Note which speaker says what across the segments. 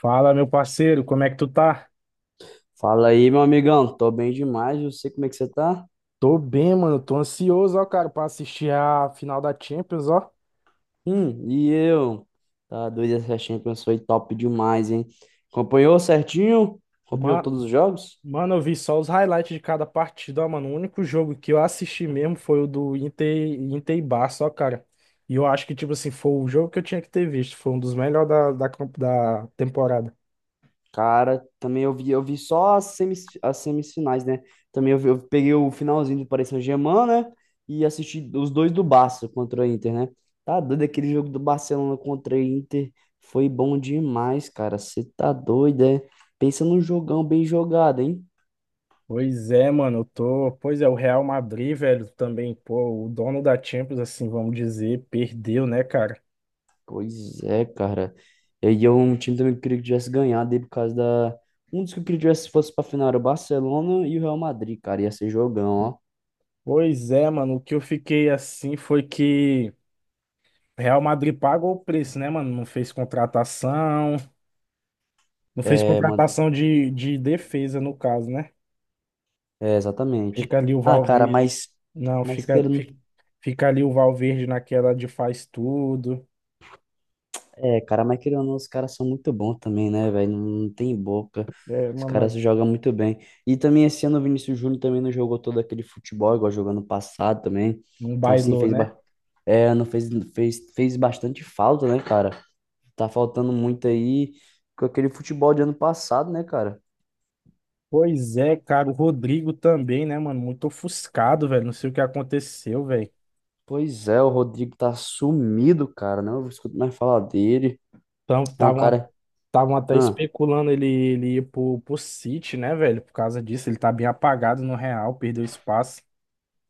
Speaker 1: Fala, meu parceiro, como é que tu tá?
Speaker 2: Fala aí, meu amigão. Tô bem demais. Eu sei como é que você tá?
Speaker 1: Tô bem, mano. Tô ansioso, ó, cara, pra assistir a final da Champions, ó.
Speaker 2: E eu? Tá doido, essa Champions foi top demais, hein? Acompanhou certinho? Acompanhou
Speaker 1: mano
Speaker 2: todos os jogos?
Speaker 1: Mano, eu vi só os highlights de cada partida, ó, mano. O único jogo que eu assisti mesmo foi o do Inter, Inter e Barça, ó, cara. E eu acho que, tipo assim, foi o jogo que eu tinha que ter visto. Foi um dos melhores da temporada.
Speaker 2: Cara, também eu vi só as semifinais, né? Também eu peguei o finalzinho do Paris Saint-Germain, né? E assisti os dois do Barça contra o Inter, né? Tá doido aquele jogo do Barcelona contra o Inter. Foi bom demais, cara. Você tá doido, é? Pensa num jogão bem jogado, hein?
Speaker 1: Pois é, mano. Eu tô. Pois é, o Real Madrid, velho, também, pô, o dono da Champions, assim, vamos dizer, perdeu, né, cara?
Speaker 2: Pois é, cara. E aí eu, um time também que eu queria que tivesse ganhado aí por causa da. Um dos que eu queria que tivesse fosse pra final era o Barcelona e o Real Madrid, cara. Ia ser jogão, ó.
Speaker 1: Pois é, mano. O que eu fiquei assim foi que. Real Madrid pagou o preço, né, mano? Não fez contratação, não fez
Speaker 2: É, mano.
Speaker 1: contratação de defesa, no caso, né?
Speaker 2: É, exatamente.
Speaker 1: Fica ali o
Speaker 2: Ah, cara,
Speaker 1: Valverde.
Speaker 2: mas.
Speaker 1: Não,
Speaker 2: Mas
Speaker 1: fica,
Speaker 2: querendo.
Speaker 1: fi- Fica ali o Valverde naquela de faz tudo.
Speaker 2: É, cara, mas querendo ou não, os caras são muito bons também, né, velho? Não, não tem boca.
Speaker 1: É,
Speaker 2: Os
Speaker 1: mano,
Speaker 2: caras
Speaker 1: mas
Speaker 2: jogam muito bem. E também esse ano o Vinícius Júnior também não jogou todo aquele futebol, igual jogou no passado também.
Speaker 1: não
Speaker 2: Então, assim,
Speaker 1: bailou, né?
Speaker 2: É, não fez bastante falta, né, cara? Tá faltando muito aí com aquele futebol de ano passado, né, cara?
Speaker 1: Pois é, cara, o Rodrigo também, né, mano? Muito ofuscado, velho. Não sei o que aconteceu, velho.
Speaker 2: Pois é, o Rodrigo tá sumido, cara. Não escuto mais falar dele.
Speaker 1: Então,
Speaker 2: É um
Speaker 1: estavam
Speaker 2: cara.
Speaker 1: estavam até
Speaker 2: Ah,
Speaker 1: especulando ele ir pro City, né, velho? Por causa disso, ele tá bem apagado no Real, perdeu espaço.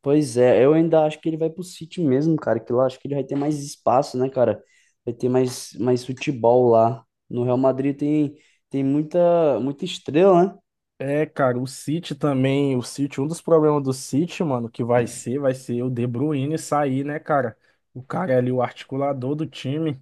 Speaker 2: pois é, eu ainda acho que ele vai pro City mesmo, cara. Que lá acho que ele vai ter mais espaço, né, cara? Vai ter mais futebol lá. No Real Madrid tem muita, muita estrela, né?
Speaker 1: É, cara, o City também, o City, um dos problemas do City, mano, que vai ser o De Bruyne sair, né, cara? O cara é ali, o articulador do time.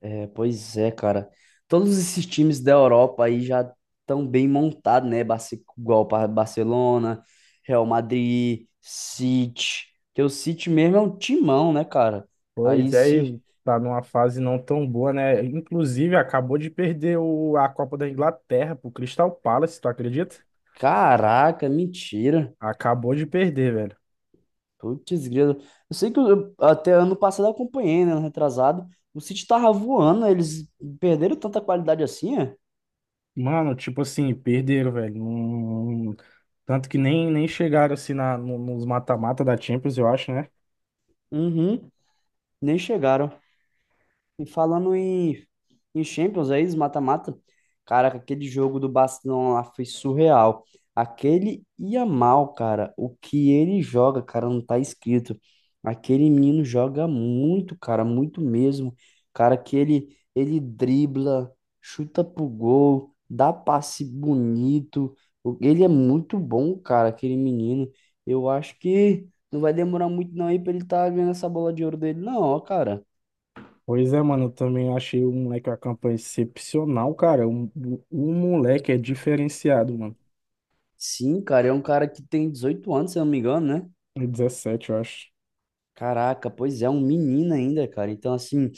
Speaker 2: É, pois é, cara. Todos esses times da Europa aí já estão bem montados, né? Igual para Barcelona, Real Madrid, City. Porque o City mesmo é um timão, né, cara?
Speaker 1: Pois
Speaker 2: Aí
Speaker 1: é,
Speaker 2: se.
Speaker 1: e tá numa fase não tão boa, né? Inclusive, acabou de perder o, a Copa da Inglaterra pro Crystal Palace, tu acredita?
Speaker 2: Caraca, mentira.
Speaker 1: Acabou de perder, velho.
Speaker 2: Putz, grilo. Eu sei que até ano passado eu acompanhei, né? Ano retrasado. O City tava voando, né? Eles perderam tanta qualidade assim, é?
Speaker 1: Mano, tipo assim, perderam, velho. Tanto que nem chegaram assim na, no- nos mata-mata da Champions, eu acho, né?
Speaker 2: Uhum, nem chegaram. E falando em Champions aí, os mata-mata, caraca, aquele jogo do Barcelona lá foi surreal. Aquele Yamal, cara, o que ele joga, cara, não tá escrito. Aquele menino joga muito, cara, muito mesmo. Cara, que ele dribla, chuta pro gol, dá passe bonito. Ele é muito bom, cara, aquele menino. Eu acho que não vai demorar muito não aí pra ele tá ganhando essa bola de ouro dele, não, ó, cara.
Speaker 1: Pois é, mano, eu também achei o moleque a campanha excepcional, cara. O moleque é diferenciado, mano.
Speaker 2: Sim, cara, é um cara que tem 18 anos, se eu não me engano, né?
Speaker 1: É 17, eu acho.
Speaker 2: Caraca, pois é, um menino ainda, cara. Então, assim,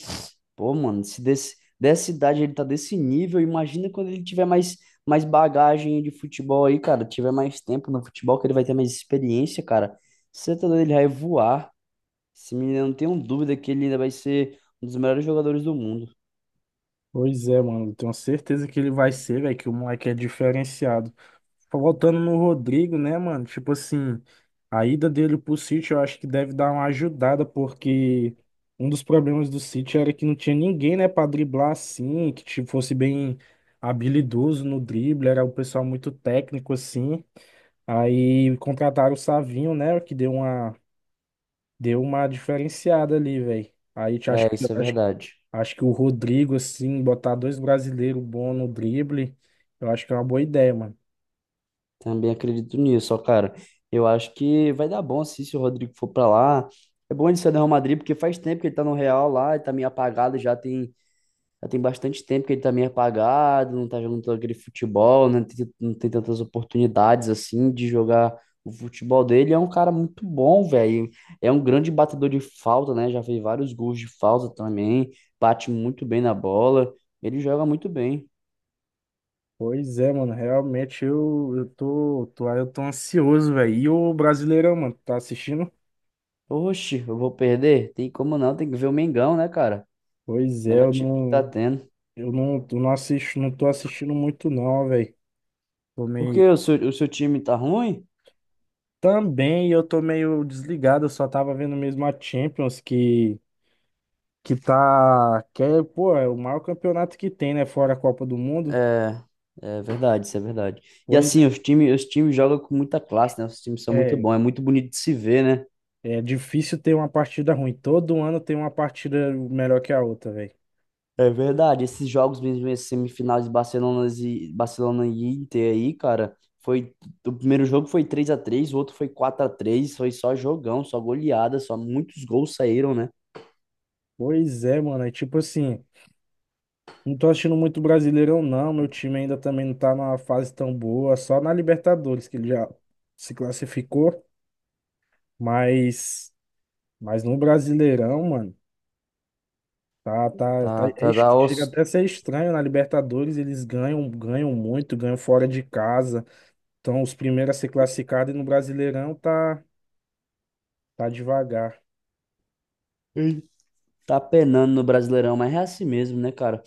Speaker 2: pô, mano, se desse, dessa idade ele tá desse nível, imagina quando ele tiver mais bagagem de futebol aí, cara. Tiver mais tempo no futebol, que ele vai ter mais experiência, cara. Você tá doido, ele vai voar. Esse menino, eu não tenho dúvida que ele ainda vai ser um dos melhores jogadores do mundo.
Speaker 1: Pois é, mano, eu tenho certeza que ele vai ser, velho, que o moleque é diferenciado. Voltando no Rodrigo, né, mano? Tipo assim, a ida dele pro City eu acho que deve dar uma ajudada, porque um dos problemas do City era que não tinha ninguém, né, pra driblar assim, que tipo, fosse bem habilidoso no drible, era um pessoal muito técnico assim. Aí contrataram o Savinho, né? Que deu uma diferenciada ali, velho. Aí te- acho
Speaker 2: É,
Speaker 1: que,
Speaker 2: isso é
Speaker 1: acho,
Speaker 2: verdade.
Speaker 1: Acho que o Rodrigo, assim, botar dois brasileiros bons no drible, eu acho que é uma boa ideia, mano.
Speaker 2: Também acredito nisso, ó, cara. Eu acho que vai dar bom assim, se o Rodrigo for pra lá. É bom ele ser do Real Madrid, porque faz tempo que ele tá no Real lá, ele tá meio apagado, já tem bastante tempo que ele tá meio apagado, não tá jogando todo aquele futebol, né? Não tem tantas oportunidades assim de jogar o futebol dele. É um cara muito bom, velho. É um grande batedor de falta, né? Já fez vários gols de falta também, bate muito bem na bola, ele joga muito bem.
Speaker 1: Pois é, mano. Realmente eu tô ansioso, velho. E o Brasileirão, mano, tá assistindo?
Speaker 2: Oxe, eu vou perder? Tem como não, tem que ver o Mengão, né, cara?
Speaker 1: Pois é,
Speaker 2: Melhor
Speaker 1: eu
Speaker 2: time que tá
Speaker 1: não,
Speaker 2: tendo.
Speaker 1: eu não, eu não assisto, não tô assistindo muito, não, velho. Tô
Speaker 2: Porque
Speaker 1: meio.
Speaker 2: o seu time tá ruim?
Speaker 1: Também eu tô meio desligado, eu só tava vendo mesmo a Champions que. Que tá. Que é, pô, é o maior campeonato que tem, né? Fora a Copa do Mundo.
Speaker 2: É, é verdade, isso é verdade. E
Speaker 1: Pois é,
Speaker 2: assim, os times jogam com muita classe, né? Os times são muito
Speaker 1: é,
Speaker 2: bons, é muito bonito de se ver, né?
Speaker 1: é difícil ter uma partida ruim. Todo ano tem uma partida melhor que a outra, velho.
Speaker 2: É verdade. Esses jogos mesmo, esses semifinais de Barcelona e Inter aí, cara, foi. O primeiro jogo foi 3-3, o outro foi 4-3. Foi só jogão, só goleada, só muitos gols saíram, né?
Speaker 1: Pois é, mano. É tipo assim, não tô achando muito Brasileirão, não. Meu time ainda também não tá numa fase tão boa. Só na Libertadores, que ele já se classificou. Mas, mas no Brasileirão, mano,
Speaker 2: Tá, tá, tá,
Speaker 1: chega até a ser estranho. Na Libertadores eles ganham, ganham muito, ganham fora de casa. Então, os primeiros a ser classificado e no Brasileirão tá devagar.
Speaker 2: ei. Tá penando no Brasileirão, mas é assim mesmo, né, cara?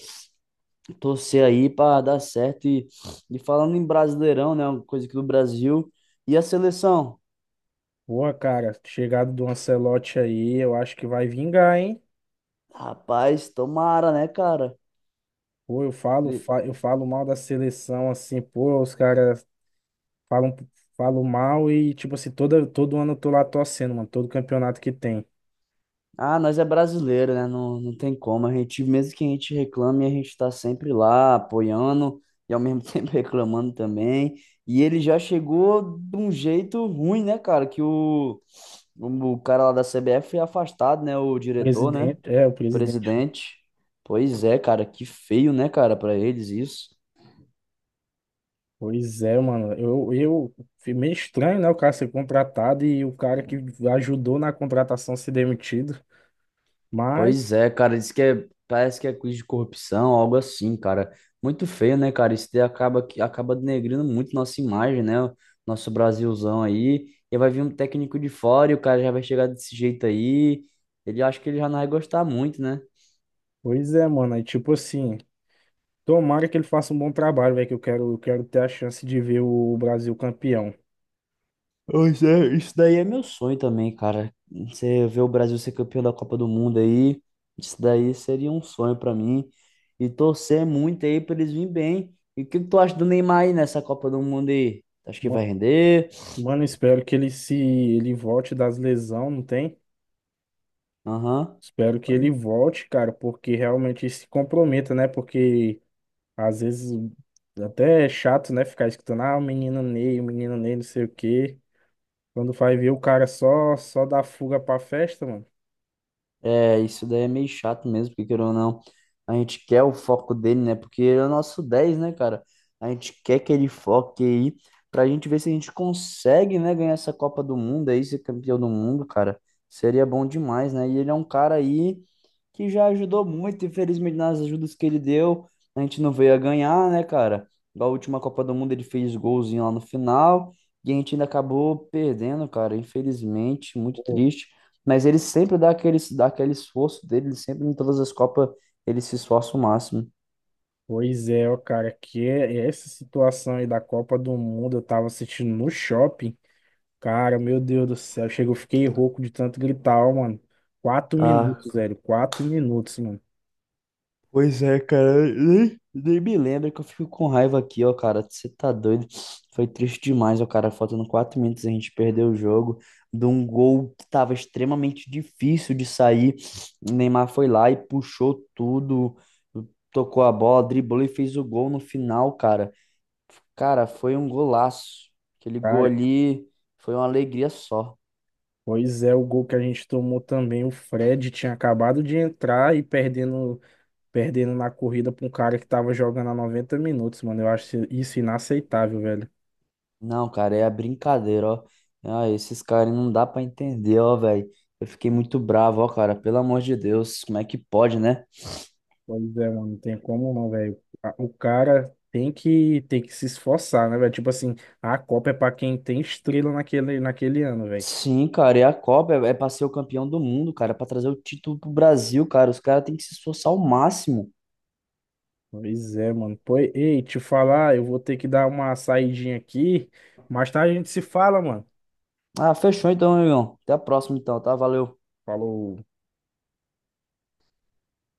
Speaker 2: Torcer aí para dar certo. E falando em Brasileirão, né? Uma coisa aqui do Brasil. E a seleção?
Speaker 1: Boa, cara, chegada do Ancelotti aí, eu acho que vai vingar, hein?
Speaker 2: Rapaz, tomara, né, cara?
Speaker 1: Pô, eu falo, fa- Eu falo mal da seleção, assim, pô, os caras falam, falam mal e, tipo assim, todo ano eu tô lá torcendo, mano, todo campeonato que tem.
Speaker 2: Ah, nós é brasileiro, né? Não, não tem como. A gente, mesmo que a gente reclame, a gente tá sempre lá apoiando e ao mesmo tempo reclamando também. E ele já chegou de um jeito ruim, né, cara? Que o cara lá da CBF foi afastado, né? O diretor, né?
Speaker 1: Presidente, é, o
Speaker 2: O
Speaker 1: presidente.
Speaker 2: presidente. Pois é, cara, que feio, né, cara, pra eles isso.
Speaker 1: Pois é, mano, fui meio estranho, né, o cara ser contratado e o cara que ajudou na contratação ser demitido, mas...
Speaker 2: Pois é, cara, diz que é, parece que é quiz de corrupção, algo assim, cara. Muito feio, né, cara? Isso daí acaba, acaba denegrindo muito nossa imagem, né? Nosso Brasilzão aí. E vai vir um técnico de fora e o cara já vai chegar desse jeito aí. Ele acha que ele já não vai gostar muito, né?
Speaker 1: Pois é, mano. Aí, tipo assim, tomara que ele faça um bom trabalho, velho, que eu quero ter a chance de ver o Brasil campeão.
Speaker 2: Pois é, isso daí é meu sonho também, cara. Você ver o Brasil ser campeão da Copa do Mundo aí, isso daí seria um sonho pra mim. E torcer muito aí pra eles virem bem. E o que que tu acha do Neymar aí nessa Copa do Mundo aí? Acho que
Speaker 1: Ma-
Speaker 2: vai render?
Speaker 1: Mano, espero que ele se ele volte das lesão, não tem?
Speaker 2: Aham.
Speaker 1: Espero que ele
Speaker 2: Pode.
Speaker 1: volte, cara, porque realmente se comprometa, né? Porque às vezes até é chato, né, ficar escutando, ah, o menino Ney, não sei o quê. Quando vai ver o cara só dá fuga pra festa, mano.
Speaker 2: É, isso daí é meio chato mesmo, porque querendo ou não, a gente quer o foco dele, né? Porque ele é o nosso 10, né, cara? A gente quer que ele foque aí pra gente ver se a gente consegue, né, ganhar essa Copa do Mundo aí, ser campeão do mundo, cara. Seria bom demais, né? E ele é um cara aí que já ajudou muito, infelizmente nas ajudas que ele deu, a gente não veio a ganhar, né, cara? Na última Copa do Mundo ele fez golzinho lá no final e a gente ainda acabou perdendo, cara. Infelizmente, muito
Speaker 1: Pô,
Speaker 2: triste. Mas ele sempre dá aquele esforço dele, ele sempre em todas as Copas ele se esforça o máximo.
Speaker 1: pois é, ó, cara, que é- essa situação aí da Copa do Mundo, eu tava assistindo no shopping. Cara, meu Deus do céu, chegou, fiquei rouco de tanto gritar, ó, mano. Quatro
Speaker 2: Ah,
Speaker 1: minutos, velho, quatro minutos, mano.
Speaker 2: pois é, cara. Eu nem me lembro, que eu fico com raiva aqui, ó, cara. Você tá doido? Foi triste demais, ó, cara. Faltando 4 minutos a gente perdeu o jogo de um gol que tava extremamente difícil de sair. O Neymar foi lá e puxou tudo, tocou a bola, driblou e fez o gol no final, cara. Cara, foi um golaço. Aquele gol
Speaker 1: Cara,
Speaker 2: ali foi uma alegria só.
Speaker 1: pois é, o gol que a gente tomou também, o Fred tinha acabado de entrar e perdendo, perdendo na corrida pra um cara que tava jogando há 90 minutos, mano. Eu acho isso inaceitável, velho.
Speaker 2: Não, cara, é a brincadeira, ó. Ah, esses caras não dá pra entender, ó, velho. Eu fiquei muito bravo, ó, cara. Pelo amor de Deus, como é que pode, né?
Speaker 1: Pois é, mano, não tem como não, velho. A- O cara tem que se esforçar, né, velho? Tipo assim, a Copa é pra quem tem estrela naquele ano, velho.
Speaker 2: Sim, cara, e a Copa é pra ser o campeão do mundo, cara. É pra trazer o título pro Brasil, cara. Os caras têm que se esforçar ao máximo.
Speaker 1: Pois é, mano. Pois, ei, te falar, eu vou ter que dar uma saidinha aqui. Mais tarde a gente se fala, mano.
Speaker 2: Ah, fechou então, meu irmão. Até a próxima então, tá? Valeu.
Speaker 1: Falou.